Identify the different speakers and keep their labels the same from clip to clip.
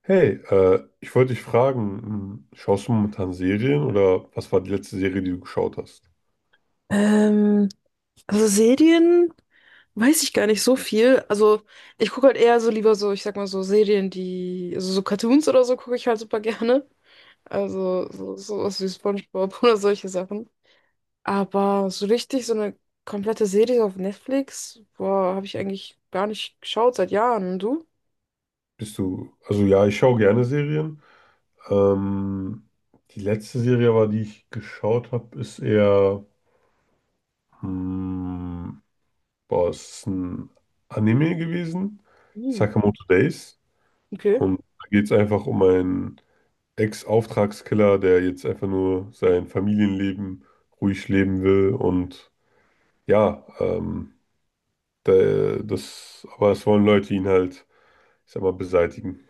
Speaker 1: Hey, ich wollte dich fragen, schaust du momentan Serien oder was war die letzte Serie, die du geschaut hast?
Speaker 2: Ähm, also Serien weiß ich gar nicht so viel. Also ich gucke halt eher so lieber so, ich sag mal so Serien, die, also so Cartoons oder so gucke ich halt super gerne. Also so, sowas wie SpongeBob oder solche Sachen. Aber so richtig so eine komplette Serie auf Netflix, boah, habe ich eigentlich gar nicht geschaut seit Jahren. Und du?
Speaker 1: Also ja, ich schaue gerne Serien. Ähm, Die letzte Serie aber, die ich geschaut habe, ist eher, hm, boah, es ist ein Anime gewesen,
Speaker 2: Hm,
Speaker 1: Sakamoto Days.
Speaker 2: okay.
Speaker 1: Und da geht es einfach um einen Ex-Auftragskiller, der jetzt einfach nur sein Familienleben ruhig leben will. Und ja, aber es wollen Leute ihn halt, ich sag mal, beseitigen.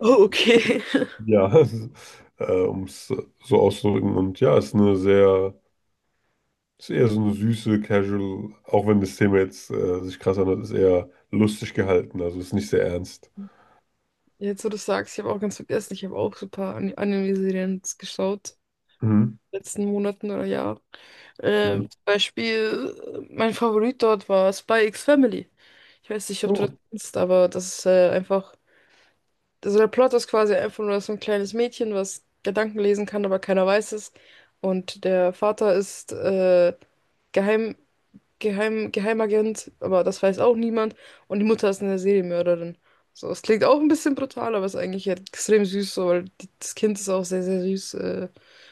Speaker 2: Oh, okay.
Speaker 1: Ja, um es so auszudrücken. Und ja, es ist eher so eine süße, casual, auch wenn das Thema jetzt sich krass anhört, ist eher lustig gehalten. Also ist nicht sehr ernst.
Speaker 2: Jetzt, wo du sagst, ich habe auch ganz vergessen, ich habe auch super Anime-Serien geschaut.
Speaker 1: Mhm.
Speaker 2: Letzten Monaten oder Jahr.
Speaker 1: Hm.
Speaker 2: Zum Beispiel, mein Favorit dort war Spy X Family. Ich weiß nicht, ob du das
Speaker 1: Oh.
Speaker 2: kennst, aber das ist einfach. Also der Plot ist quasi einfach nur so ein kleines Mädchen, was Gedanken lesen kann, aber keiner weiß es. Und der Vater ist Geheim, Geheimagent, aber das weiß auch niemand. Und die Mutter ist eine Serienmörderin. So, es klingt auch ein bisschen brutal, aber ist eigentlich halt extrem süß, so, weil das Kind ist auch sehr, sehr süß. Äh,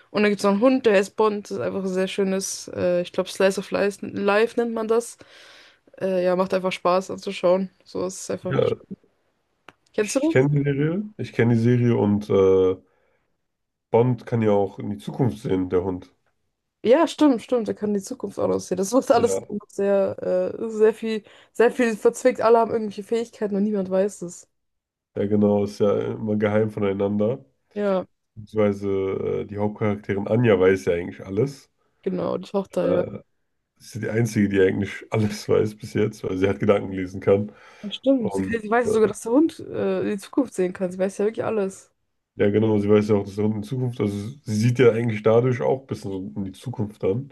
Speaker 2: und dann gibt es noch einen Hund, der heißt Bond. Das ist einfach ein sehr schönes, ich glaube, Slice of Life, Life nennt man das. Ja, macht einfach Spaß anzuschauen. So es ist
Speaker 1: Ja,
Speaker 2: einfach. Kennst du
Speaker 1: ich
Speaker 2: das?
Speaker 1: kenne die Serie. Ich kenne die Serie und Bond kann ja auch in die Zukunft sehen, der Hund.
Speaker 2: Ja, stimmt, stimmt. Da kann die Zukunft auch aussehen. Das ist alles
Speaker 1: Ja,
Speaker 2: sehr, äh, sehr viel, sehr viel verzwickt. Alle haben irgendwelche Fähigkeiten und niemand weiß es.
Speaker 1: ja, genau, ist ja immer geheim voneinander.
Speaker 2: Ja,
Speaker 1: Beziehungsweise die Hauptcharakterin Anja weiß ja eigentlich alles.
Speaker 2: genau, die Tochter, ja.
Speaker 1: Äh, ist ja die Einzige, die eigentlich alles weiß bis jetzt, weil sie halt Gedanken lesen kann.
Speaker 2: Ja, stimmt. Sie,
Speaker 1: Und
Speaker 2: kann- sie weiß ja
Speaker 1: äh,
Speaker 2: sogar, dass der Hund die Zukunft sehen kann. Sie weiß ja wirklich alles.
Speaker 1: ja, genau, sie weiß ja auch, dass der Hund in Zukunft, also sie sieht ja eigentlich dadurch auch ein bisschen so in die Zukunft dann.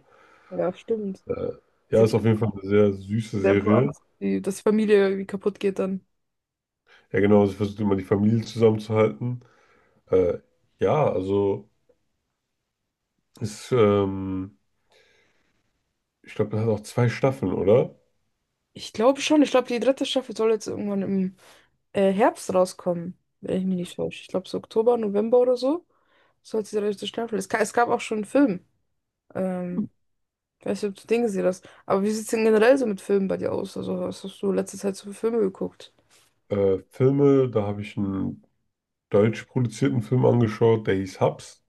Speaker 2: Ja, stimmt.
Speaker 1: Äh,
Speaker 2: Sie
Speaker 1: ja,
Speaker 2: hat
Speaker 1: ist
Speaker 2: ja
Speaker 1: auf jeden Fall eine sehr süße
Speaker 2: sehr Angst,
Speaker 1: Serie.
Speaker 2: dass die Familie irgendwie kaputt geht dann.
Speaker 1: Ja, genau, sie versucht immer die Familie zusammenzuhalten. Äh, ja, also ist, ähm, ich glaube, das hat auch zwei Staffeln, oder?
Speaker 2: Ich glaube schon. Ich glaube, die dritte Staffel soll jetzt irgendwann im Herbst rauskommen, wenn ich mich nicht täusche. Ich glaube, so Oktober, November oder so soll die dritte Staffel. Es gab auch schon einen Film. Ähm, ich weiß nicht, ob du den gesehen hast. Aber wie sieht es denn generell so mit Filmen bei dir aus? Also, was hast du letzte Zeit so für Filme geguckt?
Speaker 1: Filme, da habe ich einen deutsch produzierten Film angeschaut, der hieß Hubs.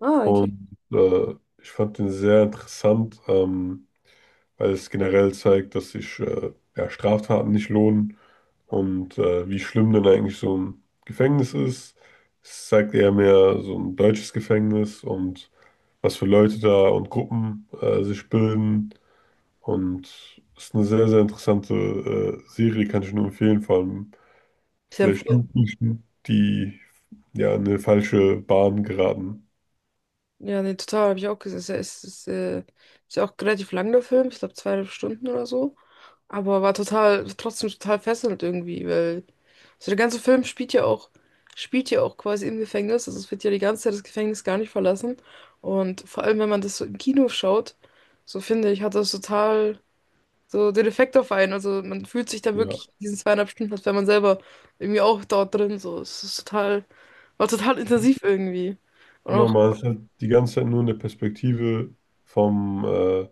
Speaker 2: Ah, okay.
Speaker 1: Und ich fand den sehr interessant, weil es generell zeigt, dass sich ja, Straftaten nicht lohnen und wie schlimm denn eigentlich so ein Gefängnis ist. Es zeigt eher mehr so ein deutsches Gefängnis und was für Leute da und Gruppen sich bilden. Und ist eine sehr, sehr interessante Serie, kann ich nur empfehlen, vor allem
Speaker 2: Ist ja,
Speaker 1: vielleicht Jugendlichen, die ja in eine falsche Bahn geraten.
Speaker 2: ja, nee, total, habe ich auch gesehen. Ist ja auch relativ lang, der Film. Ich glaube, zweieinhalb Stunden oder so. Aber war trotzdem total fesselnd irgendwie, weil. Also der ganze Film spielt ja auch quasi im Gefängnis. Also es wird ja die ganze Zeit das Gefängnis gar nicht verlassen. Und vor allem, wenn man das so im Kino schaut, so finde ich, hat das total so den Effekt auf einen. Also man fühlt sich dann
Speaker 1: Ja,
Speaker 2: wirklich in diesen zweieinhalb Stunden, als wäre man selber irgendwie auch dort drin. So, war total intensiv irgendwie. Und
Speaker 1: genau, man ist halt die ganze Zeit nur in der Perspektive vom, äh,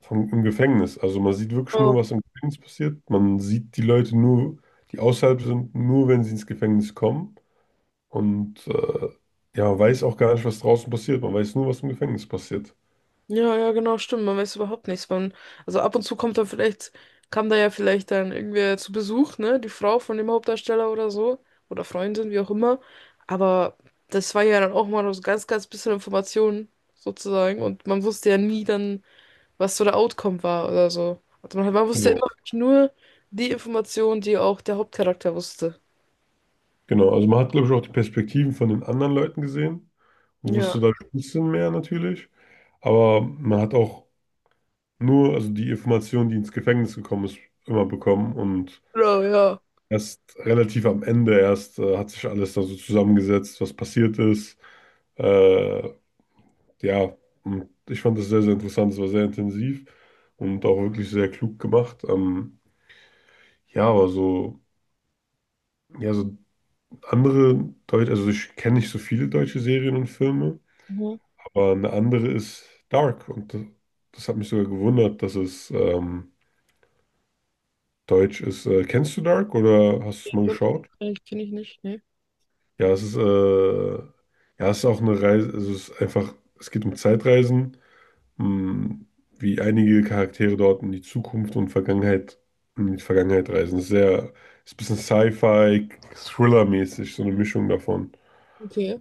Speaker 1: vom im Gefängnis. Also man sieht wirklich nur,
Speaker 2: auch.
Speaker 1: was im Gefängnis passiert. Man sieht die Leute nur, die außerhalb sind, nur wenn sie ins Gefängnis kommen. Und ja, man weiß auch gar nicht, was draußen passiert. Man weiß nur, was im Gefängnis passiert.
Speaker 2: Ja, ja, genau, stimmt. Man weiß überhaupt nichts. Also ab und zu kam da ja vielleicht dann irgendwer zu Besuch, ne? Die Frau von dem Hauptdarsteller oder so. Oder Freundin, wie auch immer. Aber das war ja dann auch mal nur so ganz, ganz bisschen Informationen, sozusagen. Und man wusste ja nie dann, was so der Outcome war oder so. Also man wusste ja
Speaker 1: Genau,
Speaker 2: immer wirklich nur die Informationen, die auch der Hauptcharakter wusste.
Speaker 1: genau. Also man hat, glaube ich, auch die Perspektiven von den anderen Leuten gesehen und
Speaker 2: Ja.
Speaker 1: wusste da ein bisschen mehr natürlich. Aber man hat auch nur, also die Information, die ins Gefängnis gekommen ist, immer bekommen. Und
Speaker 2: Genau, ja.
Speaker 1: erst relativ am Ende erst hat sich alles da so zusammengesetzt, was passiert ist. Äh, ja, und ich fand das sehr, sehr interessant. Es war sehr intensiv und auch wirklich sehr klug gemacht. Ja, aber so, ja, so andere Deutsche, also ich kenne nicht so viele deutsche Serien und Filme.
Speaker 2: Mhm.
Speaker 1: Aber eine andere ist Dark und das hat mich sogar gewundert, dass es deutsch ist. Kennst du Dark oder hast du es mal geschaut?
Speaker 2: Kenn ich nicht, ne?
Speaker 1: Ja, ja, es ist auch eine Reise, also es ist einfach, es geht um Zeitreisen, mh, wie einige Charaktere dort in die Zukunft und Vergangenheit, in die Vergangenheit reisen. Es ist ein bisschen Sci-Fi, Thriller-mäßig, so eine Mischung davon.
Speaker 2: Okay.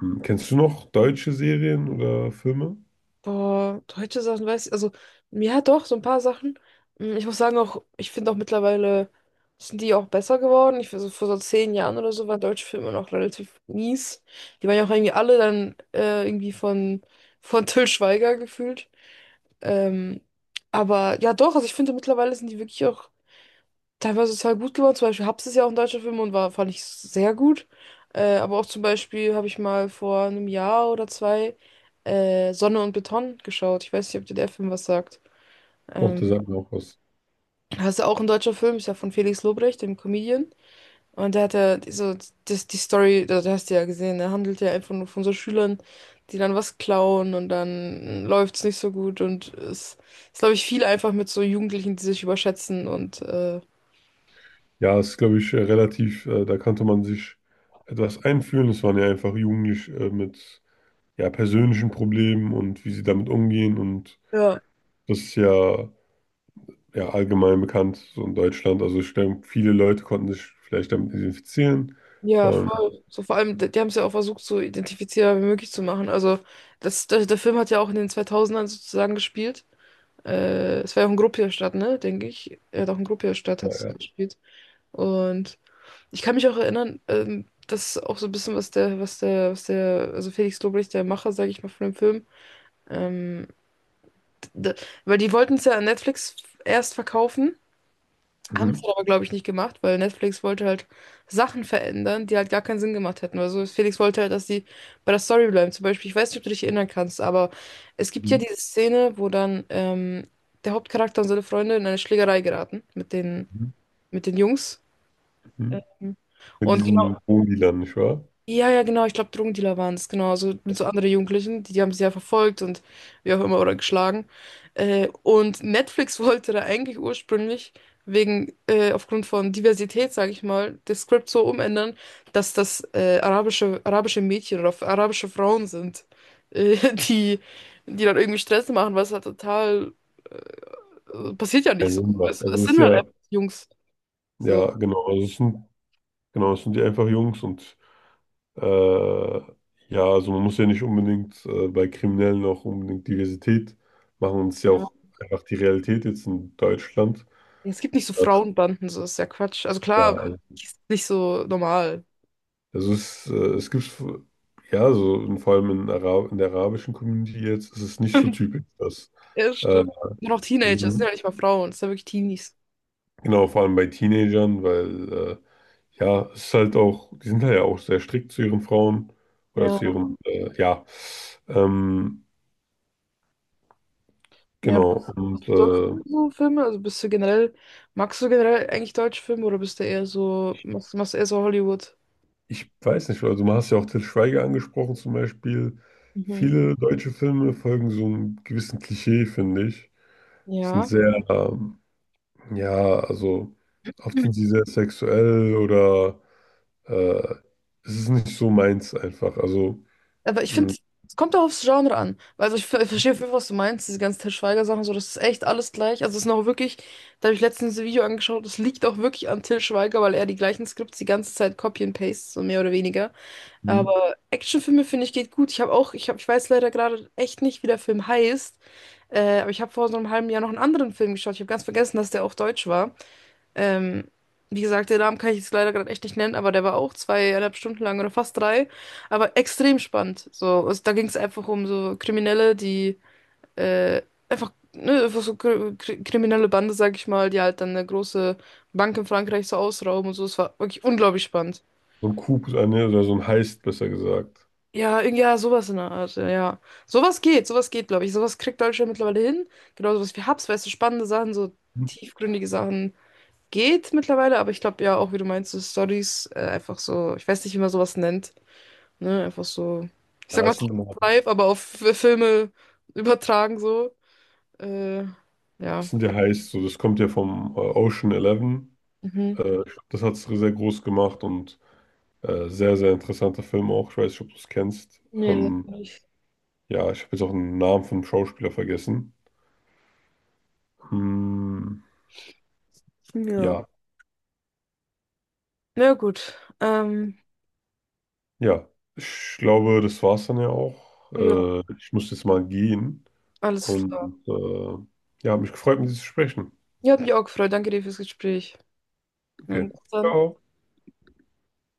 Speaker 1: Kennst du noch deutsche Serien oder Filme?
Speaker 2: Boah, deutsche Sachen weiß ich. Also, ja, doch, so ein paar Sachen. Ich muss sagen, auch, ich finde auch mittlerweile sind die auch besser geworden. Ich also vor so 10 Jahren oder so waren deutsche Filme noch relativ mies. Die waren ja auch irgendwie alle dann irgendwie von Till Schweiger gefühlt. Ähm, aber ja, doch, also ich finde mittlerweile sind die wirklich auch teilweise total gut geworden. Zum Beispiel Hubs ist ja auch ein deutscher Film und war, fand ich sehr gut. Aber auch zum Beispiel habe ich mal vor einem Jahr oder zwei Sonne und Beton geschaut. Ich weiß nicht, ob dir der Film was sagt.
Speaker 1: Doch,
Speaker 2: Ähm,
Speaker 1: der sagt mir auch was.
Speaker 2: das ist ja auch ein deutscher Film, ist ja von Felix Lobrecht, dem Comedian. Und der hat ja so die Story, da hast du ja gesehen, der handelt ja einfach nur von so Schülern, die dann was klauen und dann läuft's nicht so gut. Und es ist, glaube ich, viel einfach mit so Jugendlichen, die sich überschätzen und
Speaker 1: Ja, es ist, glaube ich, relativ, da konnte man sich etwas einfühlen. Es waren ja einfach Jugendliche mit ja, persönlichen Problemen und wie sie damit umgehen. Und
Speaker 2: ja.
Speaker 1: das ist ja allgemein bekannt so in Deutschland. Also ich denke, viele Leute konnten sich vielleicht damit identifizieren.
Speaker 2: Ja,
Speaker 1: Vor allem,
Speaker 2: voll. So vor allem, die haben es ja auch versucht, so identifizierbar wie möglich zu machen. Also, der Film hat ja auch in den zweitausendern sozusagen gespielt. Es war ja auch in Gruppierstadt, ne, denke ich. Er hat auch in Gruppierstadt
Speaker 1: ja,
Speaker 2: hat es
Speaker 1: ja.
Speaker 2: gespielt. Und ich kann mich auch erinnern, das ist auch so ein bisschen, also Felix Lobrecht, der Macher, sage ich mal, von dem Film, ähm, d- d- weil die wollten es ja an Netflix erst verkaufen. Haben es
Speaker 1: Mhm.
Speaker 2: aber, glaube ich, nicht gemacht, weil Netflix wollte halt Sachen verändern, die halt gar keinen Sinn gemacht hätten. Also Felix wollte halt, dass die bei der Story bleiben. Zum Beispiel, ich weiß nicht, ob du dich erinnern kannst, aber es gibt ja
Speaker 1: Mhm.
Speaker 2: diese Szene, wo dann der Hauptcharakter und seine Freunde in eine Schlägerei geraten mit den,
Speaker 1: Mhm.
Speaker 2: mit den Jungs.
Speaker 1: Mhm.
Speaker 2: Ähm,
Speaker 1: Mit
Speaker 2: Und
Speaker 1: diesen Wohndealern, nicht wahr?
Speaker 2: ja, ja, genau, ich glaube, Drogendealer waren es, genau. Also mit so anderen Jugendlichen, die haben sie ja verfolgt und wie auch immer oder geschlagen. Und Netflix wollte da eigentlich ursprünglich aufgrund von Diversität, sage ich mal, das Skript so umändern, dass das arabische Mädchen oder arabische Frauen sind, äh, die, die dann irgendwie Stress machen, was halt total passiert ja nicht
Speaker 1: Keinen
Speaker 2: so.
Speaker 1: Sinn macht.
Speaker 2: Es,
Speaker 1: Also
Speaker 2: es
Speaker 1: es ist
Speaker 2: sind halt
Speaker 1: ja,
Speaker 2: einfach Jungs. So,
Speaker 1: ja, genau, also genau, es sind die einfach Jungs und Äh, ja, also man muss ja nicht unbedingt bei Kriminellen auch unbedingt Diversität machen. Und es ist ja
Speaker 2: ja.
Speaker 1: auch einfach die Realität jetzt in Deutschland.
Speaker 2: Es gibt nicht so
Speaker 1: Dass,
Speaker 2: Frauenbanden, so ist ja Quatsch. Also
Speaker 1: ja,
Speaker 2: klar,
Speaker 1: also
Speaker 2: ist nicht so normal.
Speaker 1: also es gibt, ja, so und vor allem in der arabischen Community jetzt ist es nicht so typisch, dass,
Speaker 2: Ja,
Speaker 1: äh,
Speaker 2: stimmt. Nur noch Teenager, das sind
Speaker 1: also,
Speaker 2: ja nicht mal Frauen, das sind ja wirklich Teenies.
Speaker 1: genau, vor allem bei Teenagern, weil, ja, es ist halt auch, die sind halt ja auch sehr strikt zu ihren Frauen oder
Speaker 2: Ja,
Speaker 1: zu ihren, ja, ähm,
Speaker 2: ja.
Speaker 1: genau,
Speaker 2: Was
Speaker 1: und,
Speaker 2: sonst so Filme? Also magst du generell eigentlich deutsche Filme oder bist du eher so, machst du eher so Hollywood?
Speaker 1: ich weiß nicht, also du hast ja auch Til Schweiger angesprochen zum Beispiel.
Speaker 2: Mhm.
Speaker 1: Viele deutsche Filme folgen so einem gewissen Klischee, finde ich. Sind
Speaker 2: Ja.
Speaker 1: sehr, ähm, ja, also oft
Speaker 2: Mhm.
Speaker 1: sind sie sehr sexuell oder äh, es ist nicht so meins einfach. Also
Speaker 2: Aber ich
Speaker 1: mh,
Speaker 2: finde, es kommt auch aufs Genre an. Weil also ich verstehe auf jeden Fall, was du meinst, diese ganzen Til Schweiger-Sachen, so, das ist echt alles gleich. Also es ist noch wirklich, da habe ich letztens ein Video angeschaut, das liegt auch wirklich an Til Schweiger, weil er die gleichen Skripts die ganze Zeit copy and paste, so mehr oder weniger. Aber Actionfilme finde ich geht gut. Ich habe auch, ich habe, ich weiß leider gerade echt nicht, wie der Film heißt. Aber ich habe vor so einem halben Jahr noch einen anderen Film geschaut. Ich habe ganz vergessen, dass der auch deutsch war. Ähm, wie gesagt, den Namen kann ich jetzt leider gerade echt nicht nennen, aber der war auch zweieinhalb Stunden lang oder fast drei. Aber extrem spannend. So, also, da ging es einfach um so Kriminelle, die äh, einfach, ne, einfach so kriminelle Bande, sag ich mal, die halt dann eine große Bank in Frankreich so ausrauben und so. Es war wirklich unglaublich spannend.
Speaker 1: so ein Coup oder so ein Heist, besser gesagt.
Speaker 2: Ja, ja, sowas in der Art, ja. Ja. Sowas geht, glaube ich. Sowas kriegt Deutschland mittlerweile hin. Genau sowas wie Hubs, weißt du, spannende Sachen, so
Speaker 1: Mhm.
Speaker 2: tiefgründige Sachen geht mittlerweile, aber ich glaube ja auch, wie du meinst, so Stories, einfach so, ich weiß nicht, wie man sowas nennt, ne, einfach so, ich sag
Speaker 1: Ja,
Speaker 2: mal,
Speaker 1: es sind, immer-
Speaker 2: live, aber auf Filme übertragen so. Äh, ja.
Speaker 1: es sind ja Heists, so, das kommt ja vom Ocean Eleven.
Speaker 2: Mhm.
Speaker 1: Ich glaub, das hat es sehr groß gemacht und sehr, sehr interessanter Film auch. Ich weiß nicht, ob du es kennst.
Speaker 2: Nee, das
Speaker 1: Ähm,
Speaker 2: nicht.
Speaker 1: ja, ich habe jetzt auch den Namen vom Schauspieler vergessen. Hm,
Speaker 2: Ja.
Speaker 1: ja,
Speaker 2: Na gut. Ähm,
Speaker 1: ja. Ich glaube, das war's dann ja auch.
Speaker 2: ja,
Speaker 1: Ich muss jetzt mal gehen.
Speaker 2: alles klar.
Speaker 1: Und ja, hat mich gefreut, mit dir zu sprechen.
Speaker 2: Ja, hat mich auch gefreut. Danke dir fürs Gespräch. Ja,
Speaker 1: Okay.
Speaker 2: bis dann.
Speaker 1: Ciao.